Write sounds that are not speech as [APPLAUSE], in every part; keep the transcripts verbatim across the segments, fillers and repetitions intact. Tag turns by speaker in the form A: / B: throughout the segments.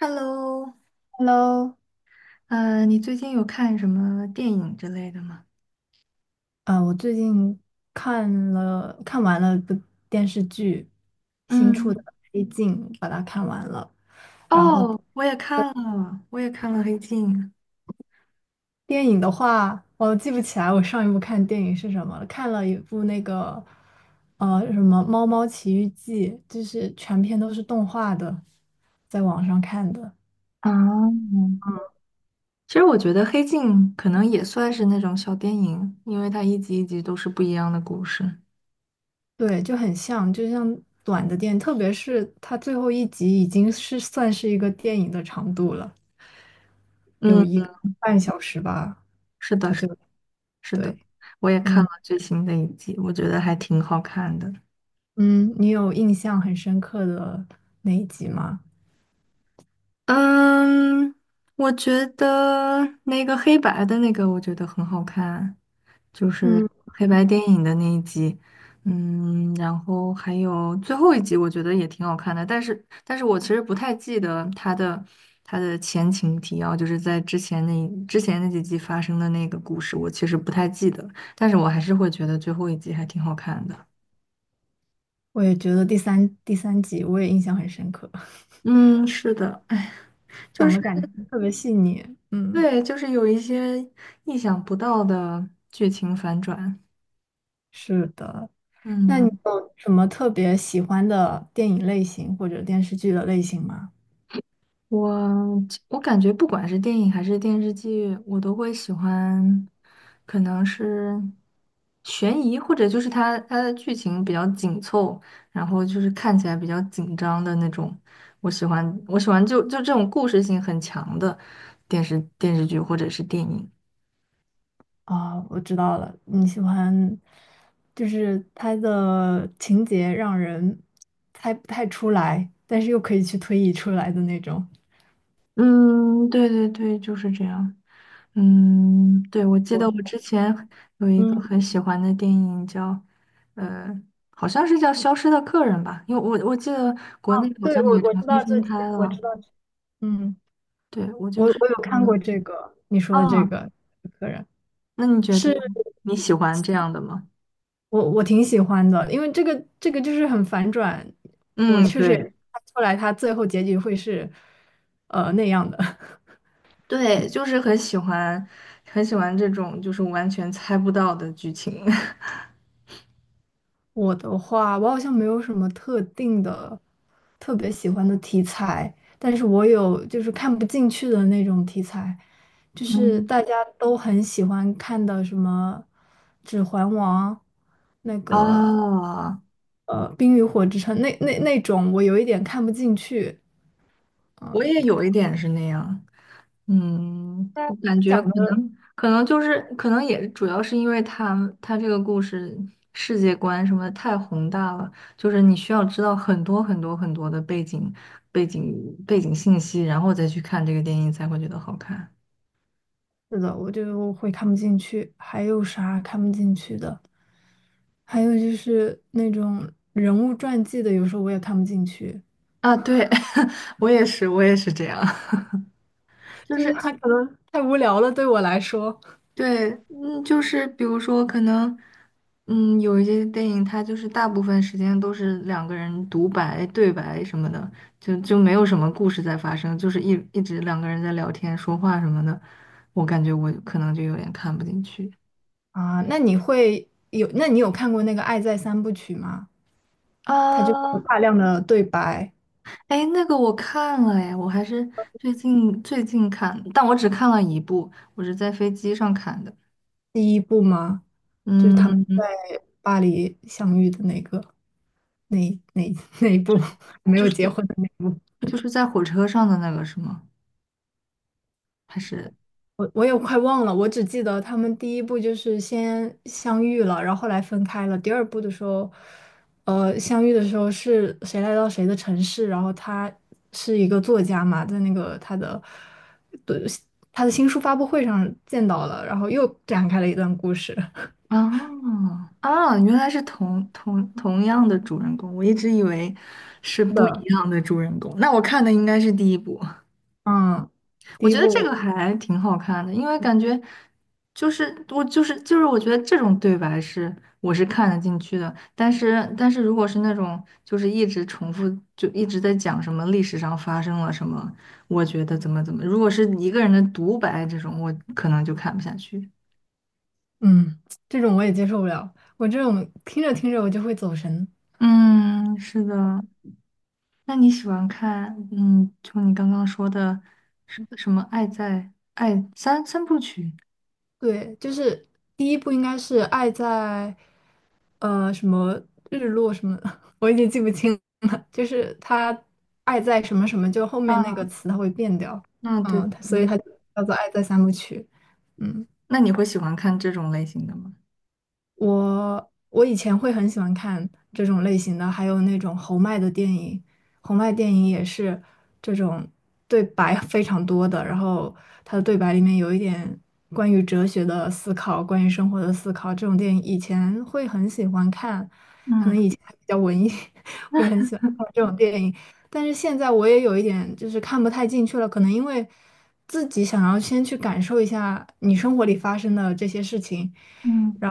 A: Hello，
B: Hello，
A: 呃，你最近有看什么电影之类的吗？
B: 呃，我最近看了看完了一部电视剧，新出的
A: 嗯，
B: 《黑镜》，把它看完了。然后
A: 哦，我也看了，我也看了《黑镜》。
B: 电影的话，我记不起来我上一部看电影是什么了，看了一部那个呃什么《猫猫奇遇记》，就是全篇都是动画的，在网上看的。
A: 啊，其实我觉得《黑镜》可能也算是那种小电影，因为它一集一集都是不一样的故事。
B: 对，就很像，就像短的电影，特别是它最后一集已经是算是一个电影的长度了，有
A: 嗯，
B: 一个半小时吧。
A: 是的，
B: 他
A: 是
B: 最
A: 是的，
B: 对，
A: 我也看
B: 嗯
A: 了最新的一集，我觉得还挺好看的。
B: 嗯，你有印象很深刻的那一集吗？
A: 嗯，我觉得那个黑白的那个，我觉得很好看，就是
B: 嗯，
A: 黑白电影的那一集。嗯，然后还有最后一集，我觉得也挺好看的，但是，但是我其实不太记得它的它的前情提要，就是在之前那之前那几集发生的那个故事，我其实不太记得，但是我还是会觉得最后一集还挺好看的。
B: 我也觉得第三第三集我也印象很深刻，[LAUGHS]
A: 嗯，是的。哎，就
B: 讲
A: 是。
B: 的感情特别细腻。嗯，
A: 对，就是有一些意想不到的剧情反转。
B: 是的。那你
A: 嗯，
B: 有什么特别喜欢的电影类型或者电视剧的类型吗？
A: 我我感觉不管是电影还是电视剧，我都会喜欢，可能是悬疑，或者就是它它的剧情比较紧凑，然后就是看起来比较紧张的那种。我喜欢我喜欢就就这种故事性很强的电视电视剧或者是电影。
B: 啊、我知道了，你喜欢，就是它的情节让人猜不太出来，但是又可以去推移出来的那种。
A: 嗯，对对对，就是这样。嗯，对，我记得我
B: 我
A: 之前有一个
B: 嗯。
A: 很喜欢的电影叫，呃，好像是叫《消失的客人》吧，因为我我记得国内好
B: 对，
A: 像
B: 我
A: 也
B: 我
A: 重
B: 知
A: 新
B: 道这，
A: 翻拍
B: 我
A: 了。
B: 知道这，嗯，
A: 对，我
B: 我
A: 就是
B: 我有
A: 觉
B: 看
A: 得，
B: 过这个你说的这
A: 啊，
B: 个客人，
A: 那你觉得
B: 是
A: 你喜欢这样的吗？
B: 我我挺喜欢的，因为这个这个就是很反转，我
A: 嗯，
B: 确实也没
A: 对，
B: 看出来他最后结局会是呃那样的。[LAUGHS]
A: 对，就是很喜欢，很喜欢这种就是完全猜不到的剧情。[LAUGHS]
B: 我的话，我好像没有什么特定的、特别喜欢的题材，但是我有就是看不进去的那种题材，就是
A: 嗯，
B: 大家都很喜欢看的什么《指环王》，那个
A: 啊，
B: 呃《冰与火之城》那那那种，我有一点看不进去。嗯、
A: 我
B: 呃，
A: 也
B: 他
A: 有一点是那样。嗯，我感
B: 讲
A: 觉可
B: 的
A: 能可能就是可能也主要是因为他他这个故事世界观什么太宏大了，就是你需要知道很多很多很多的背景背景背景信息，然后再去看这个电影才会觉得好看
B: 是的，我就会看不进去。还有啥看不进去的？还有就是那种人物传记的，有时候我也看不进去，
A: 啊。对，[LAUGHS] 我也是，我也是这样，[LAUGHS] 就
B: 就是
A: 是
B: 它可能太无聊了，对我来说。
A: 对，嗯，就是比如说，可能，嗯，有一些电影，它就是大部分时间都是两个人独白、对白什么的，就就没有什么故事在发生，就是一一直两个人在聊天、说话什么的，我感觉我可能就有点看不进去。
B: 啊，那你会有？那你有看过那个《爱在三部曲》吗？它就有
A: 啊，
B: 大量的对白，
A: 哎，那个我看了哎，我还是最近最近看，但我只看了一部，我是在飞机上看的。
B: 第一部吗？就是他们在
A: 嗯，
B: 巴黎相遇的那个，那那那一部 [LAUGHS]，没
A: 就
B: 有结
A: 是
B: 婚的那一部。
A: 就是在火车上的那个是吗？还是？
B: 我我也快忘了，我只记得他们第一部就是先相遇了，然后后来分开了。第二部的时候，呃，相遇的时候是谁来到谁的城市，然后他是一个作家嘛，在那个他的他的新书发布会上见到了，然后又展开了一段故事。[LAUGHS]
A: 哦啊！原来是同同同样的主人公，我一直以为是
B: 是
A: 不一
B: 的，
A: 样的主人公。那我看的应该是第一部，
B: 嗯，
A: 我
B: 第一
A: 觉得这个
B: 部，
A: 还挺好看的，因为感觉就是我就是就是我觉得这种对白是我是看得进去的，但是但是如果是那种就是一直重复就一直在讲什么历史上发生了什么，我觉得怎么怎么，如果是一个人的独白这种，我可能就看不下去。
B: 嗯，这种我也接受不了，我这种听着听着我就会走神。
A: 嗯，是的。那你喜欢看，嗯，就你刚刚说的什什么《爱在爱三三部曲》？
B: 对，就是第一部应该是爱在，呃，什么日落什么的，[LAUGHS] 我已经记不清了。就是他爱在什么什么，就后面那
A: 啊，
B: 个词它会变掉，
A: 嗯，对对
B: 嗯，它所以它就叫做爱在三部曲，嗯。
A: 那你会喜欢看这种类型的吗？
B: 我我以前会很喜欢看这种类型的，还有那种侯麦的电影，侯麦电影也是这种对白非常多的，然后他的对白里面有一点关于哲学的思考，关于生活的思考，这种电影以前会很喜欢看，可能
A: 嗯
B: 以前还比较文艺，[LAUGHS] 会很喜欢看这种电影，但是现在我也有一点就是看不太进去了，可能因为自己想要先去感受一下你生活里发生的这些事情。
A: 嗯
B: 然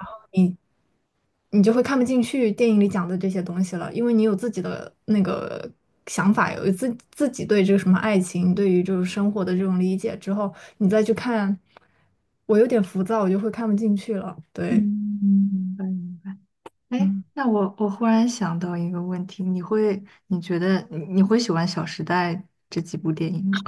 B: 你就会看不进去电影里讲的这些东西了，因为你有自己的那个想法，有自自己对这个什么爱情，对于就是生活的这种理解之后，你再去看，我有点浮躁，我就会看不进去了。
A: 嗯，
B: 对，
A: 明白明白。哎，
B: 嗯，
A: 那我我忽然想到一个问题，你会你觉得你你会喜欢《小时代》这几部电影吗？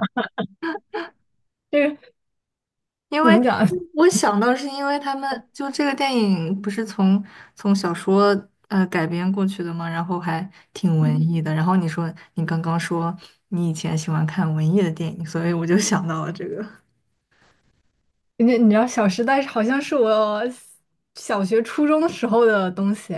B: 这个 [LAUGHS]
A: 因
B: 怎
A: 为
B: 么讲？[LAUGHS]
A: 我想到是因为他们就这个电影不是从从小说呃改编过去的嘛，然后还挺文
B: 嗯，
A: 艺的。然后你说你刚刚说你以前喜欢看文艺的电影，所以我就想到了这个。
B: 你你知道《小时代》好像是我小学、初中的时候的东西，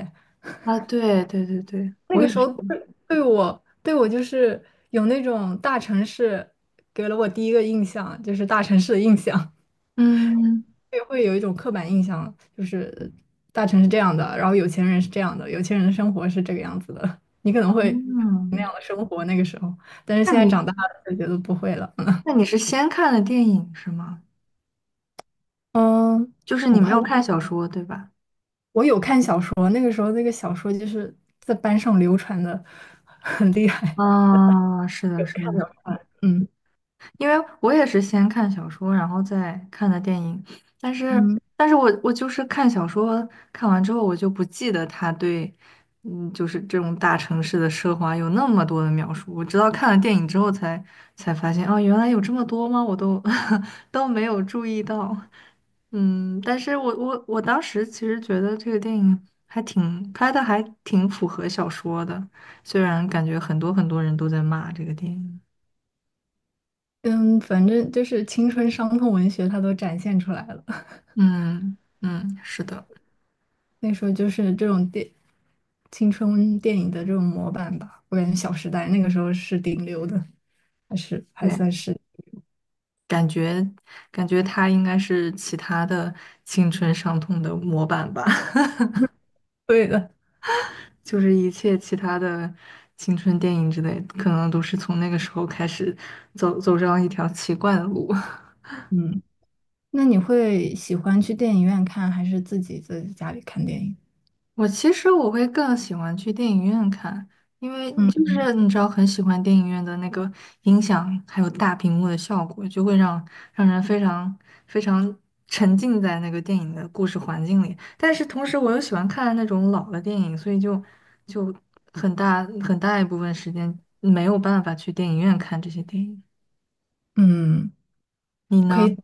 A: 啊，对对对对，
B: 那
A: 我
B: 个
A: 也
B: 时
A: 是。
B: 候对对，我对我就是有那种大城市给了我第一个印象，就是大城市的印象。
A: 嗯
B: 也会有一种刻板印象，就是大城是这样的，然后有钱人是这样的，有钱人的生活是这个样子的，你可能会那
A: 嗯，
B: 样的生活那个时候，但是
A: 那
B: 现在
A: 你
B: 长大了就觉得不会了。
A: 那你是先看的电影是吗？
B: 嗯，
A: 就是
B: 我
A: 你没
B: 快
A: 有
B: 忘
A: 看
B: 了，
A: 小说对吧？
B: 我有看小说，那个时候那个小说就是在班上流传的很厉害，
A: 啊，是的，
B: 有
A: 是
B: 看
A: 的。
B: 有看，嗯
A: 因为我也是先看小说，然后再看的电影，但是，
B: 嗯
A: 但是我我就是看小说，看完之后我就不记得他对，嗯，就是这种大城市的奢华有那么多的描述，我直到看了电影之后才才发现，哦，原来有这么多吗？我都 [LAUGHS] 都没有注意到，嗯，但是我我我当时其实觉得这个电影还挺拍的，还挺符合小说的，虽然感觉很多很多人都在骂这个电影。
B: 嗯，反正就是青春伤痛文学，它都展现出来了。
A: 嗯嗯，是的，
B: 那时候就是这种电青春电影的这种模板吧，我感觉《小时代》那个时候是顶流的，还是
A: 对，
B: 还
A: 嗯
B: 算是
A: 感觉感觉他应该是其他的青春伤痛的模板吧，[LAUGHS]
B: 对的。
A: 就是一切其他的青春电影之类，可能都是从那个时候开始走走上一条奇怪的路。[LAUGHS]
B: 嗯，那你会喜欢去电影院看，还是自己在家里看电影？
A: 我其实我会更喜欢去电影院看，因为
B: 嗯
A: 就是你知道，很喜欢电影院的那个音响，还有大屏幕的效果，就会让让人非常非常沉浸在那个电影的故事环境里。但是同时，我又喜欢看那种老的电影，所以就就很大很大一部分时间没有办法去电影院看这些电影。
B: 嗯，
A: 你
B: 可
A: 呢？
B: 以，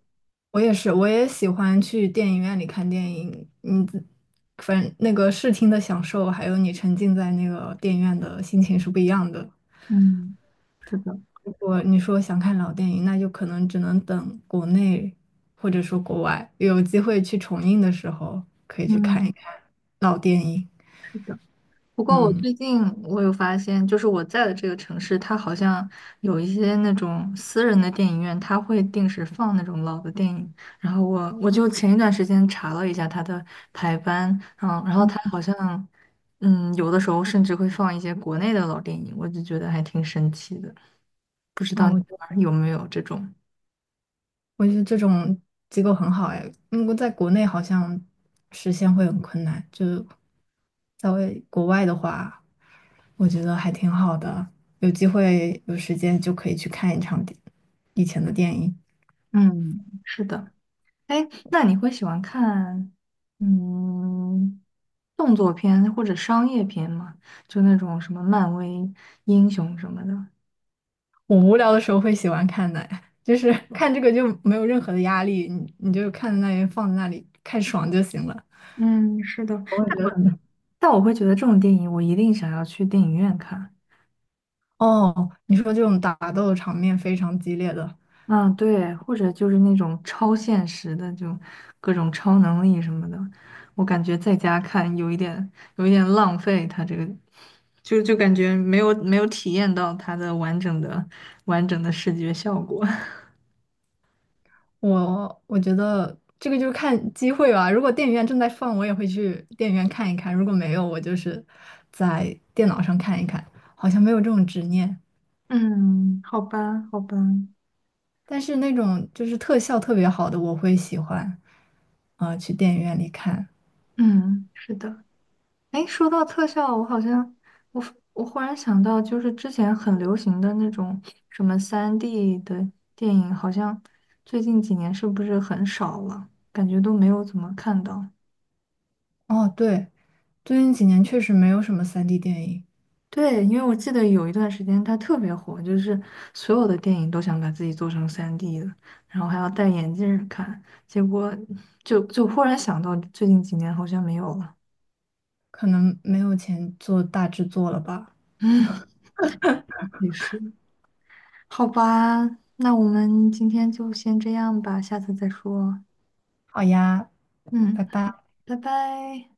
B: 我也是，我也喜欢去电影院里看电影。你自反正那个视听的享受，还有你沉浸在那个电影院的心情是不一样的。
A: 嗯，是的，
B: 如果你说想看老电影，那就可能只能等国内或者说国外有机会去重映的时候，可以去看一
A: 嗯，
B: 看老电影。
A: 是的。不过我
B: 嗯，
A: 最近我有发现，就是我在的这个城市，它好像有一些那种私人的电影院，它会定时放那种老的电影。然后我我就前一段时间查了一下它的排班，嗯，然后它好像，嗯，有的时候甚至会放一些国内的老电影，我就觉得还挺神奇的。不知
B: 哇，
A: 道你
B: 我觉得
A: 那儿有没有这种？
B: 我觉得这种机构很好哎，因为在国内好像实现会很困难，就在为国外的话，我觉得还挺好的，有机会有时间就可以去看一场电以前的电影。
A: 嗯，是的。哎，那你会喜欢看，嗯？动作片或者商业片嘛，就那种什么漫威英雄什么的。
B: 我无聊的时候会喜欢看的，就是看这个就没有任何的压力，你你就看在那里放在那里看爽就行了。
A: 嗯，是的，
B: 我会
A: 但
B: 觉得
A: 我
B: 很
A: 但我会觉得这种电影我一定想要去电影院看。
B: 哦，你说这种打斗场面非常激烈的，
A: 嗯，对，或者就是那种超现实的，就各种超能力什么的，我感觉在家看有一点有一点浪费它这个，就就感觉没有没有体验到它的完整的完整的视觉效果。[LAUGHS]
B: 我我觉得这个就是看机会吧。如果电影院正在放，我也会去电影院看一看；如果没有，我就是在电脑上看一看。好像没有这种执念，
A: 嗯，好吧，好吧，
B: 但是那种就是特效特别好的，我会喜欢啊、呃去电影院里看。
A: 嗯，是的。哎，说到特效，我好像我我忽然想到，就是之前很流行的那种什么三 d 的电影，好像最近几年是不是很少了？感觉都没有怎么看到。
B: 哦，对。最近几年确实没有什么三 d 电影，
A: 对，因为我记得有一段时间它特别火，就是所有的电影都想把自己做成三 d 的，然后还要戴眼镜儿看，结果就就忽然想到最近几年好像没有了。
B: 可能没有钱做大制作了吧。
A: [LAUGHS] 嗯，也是。好吧，那我们今天就先这样吧，下次再说。
B: 好呀，拜
A: 嗯，
B: 拜。
A: 拜拜。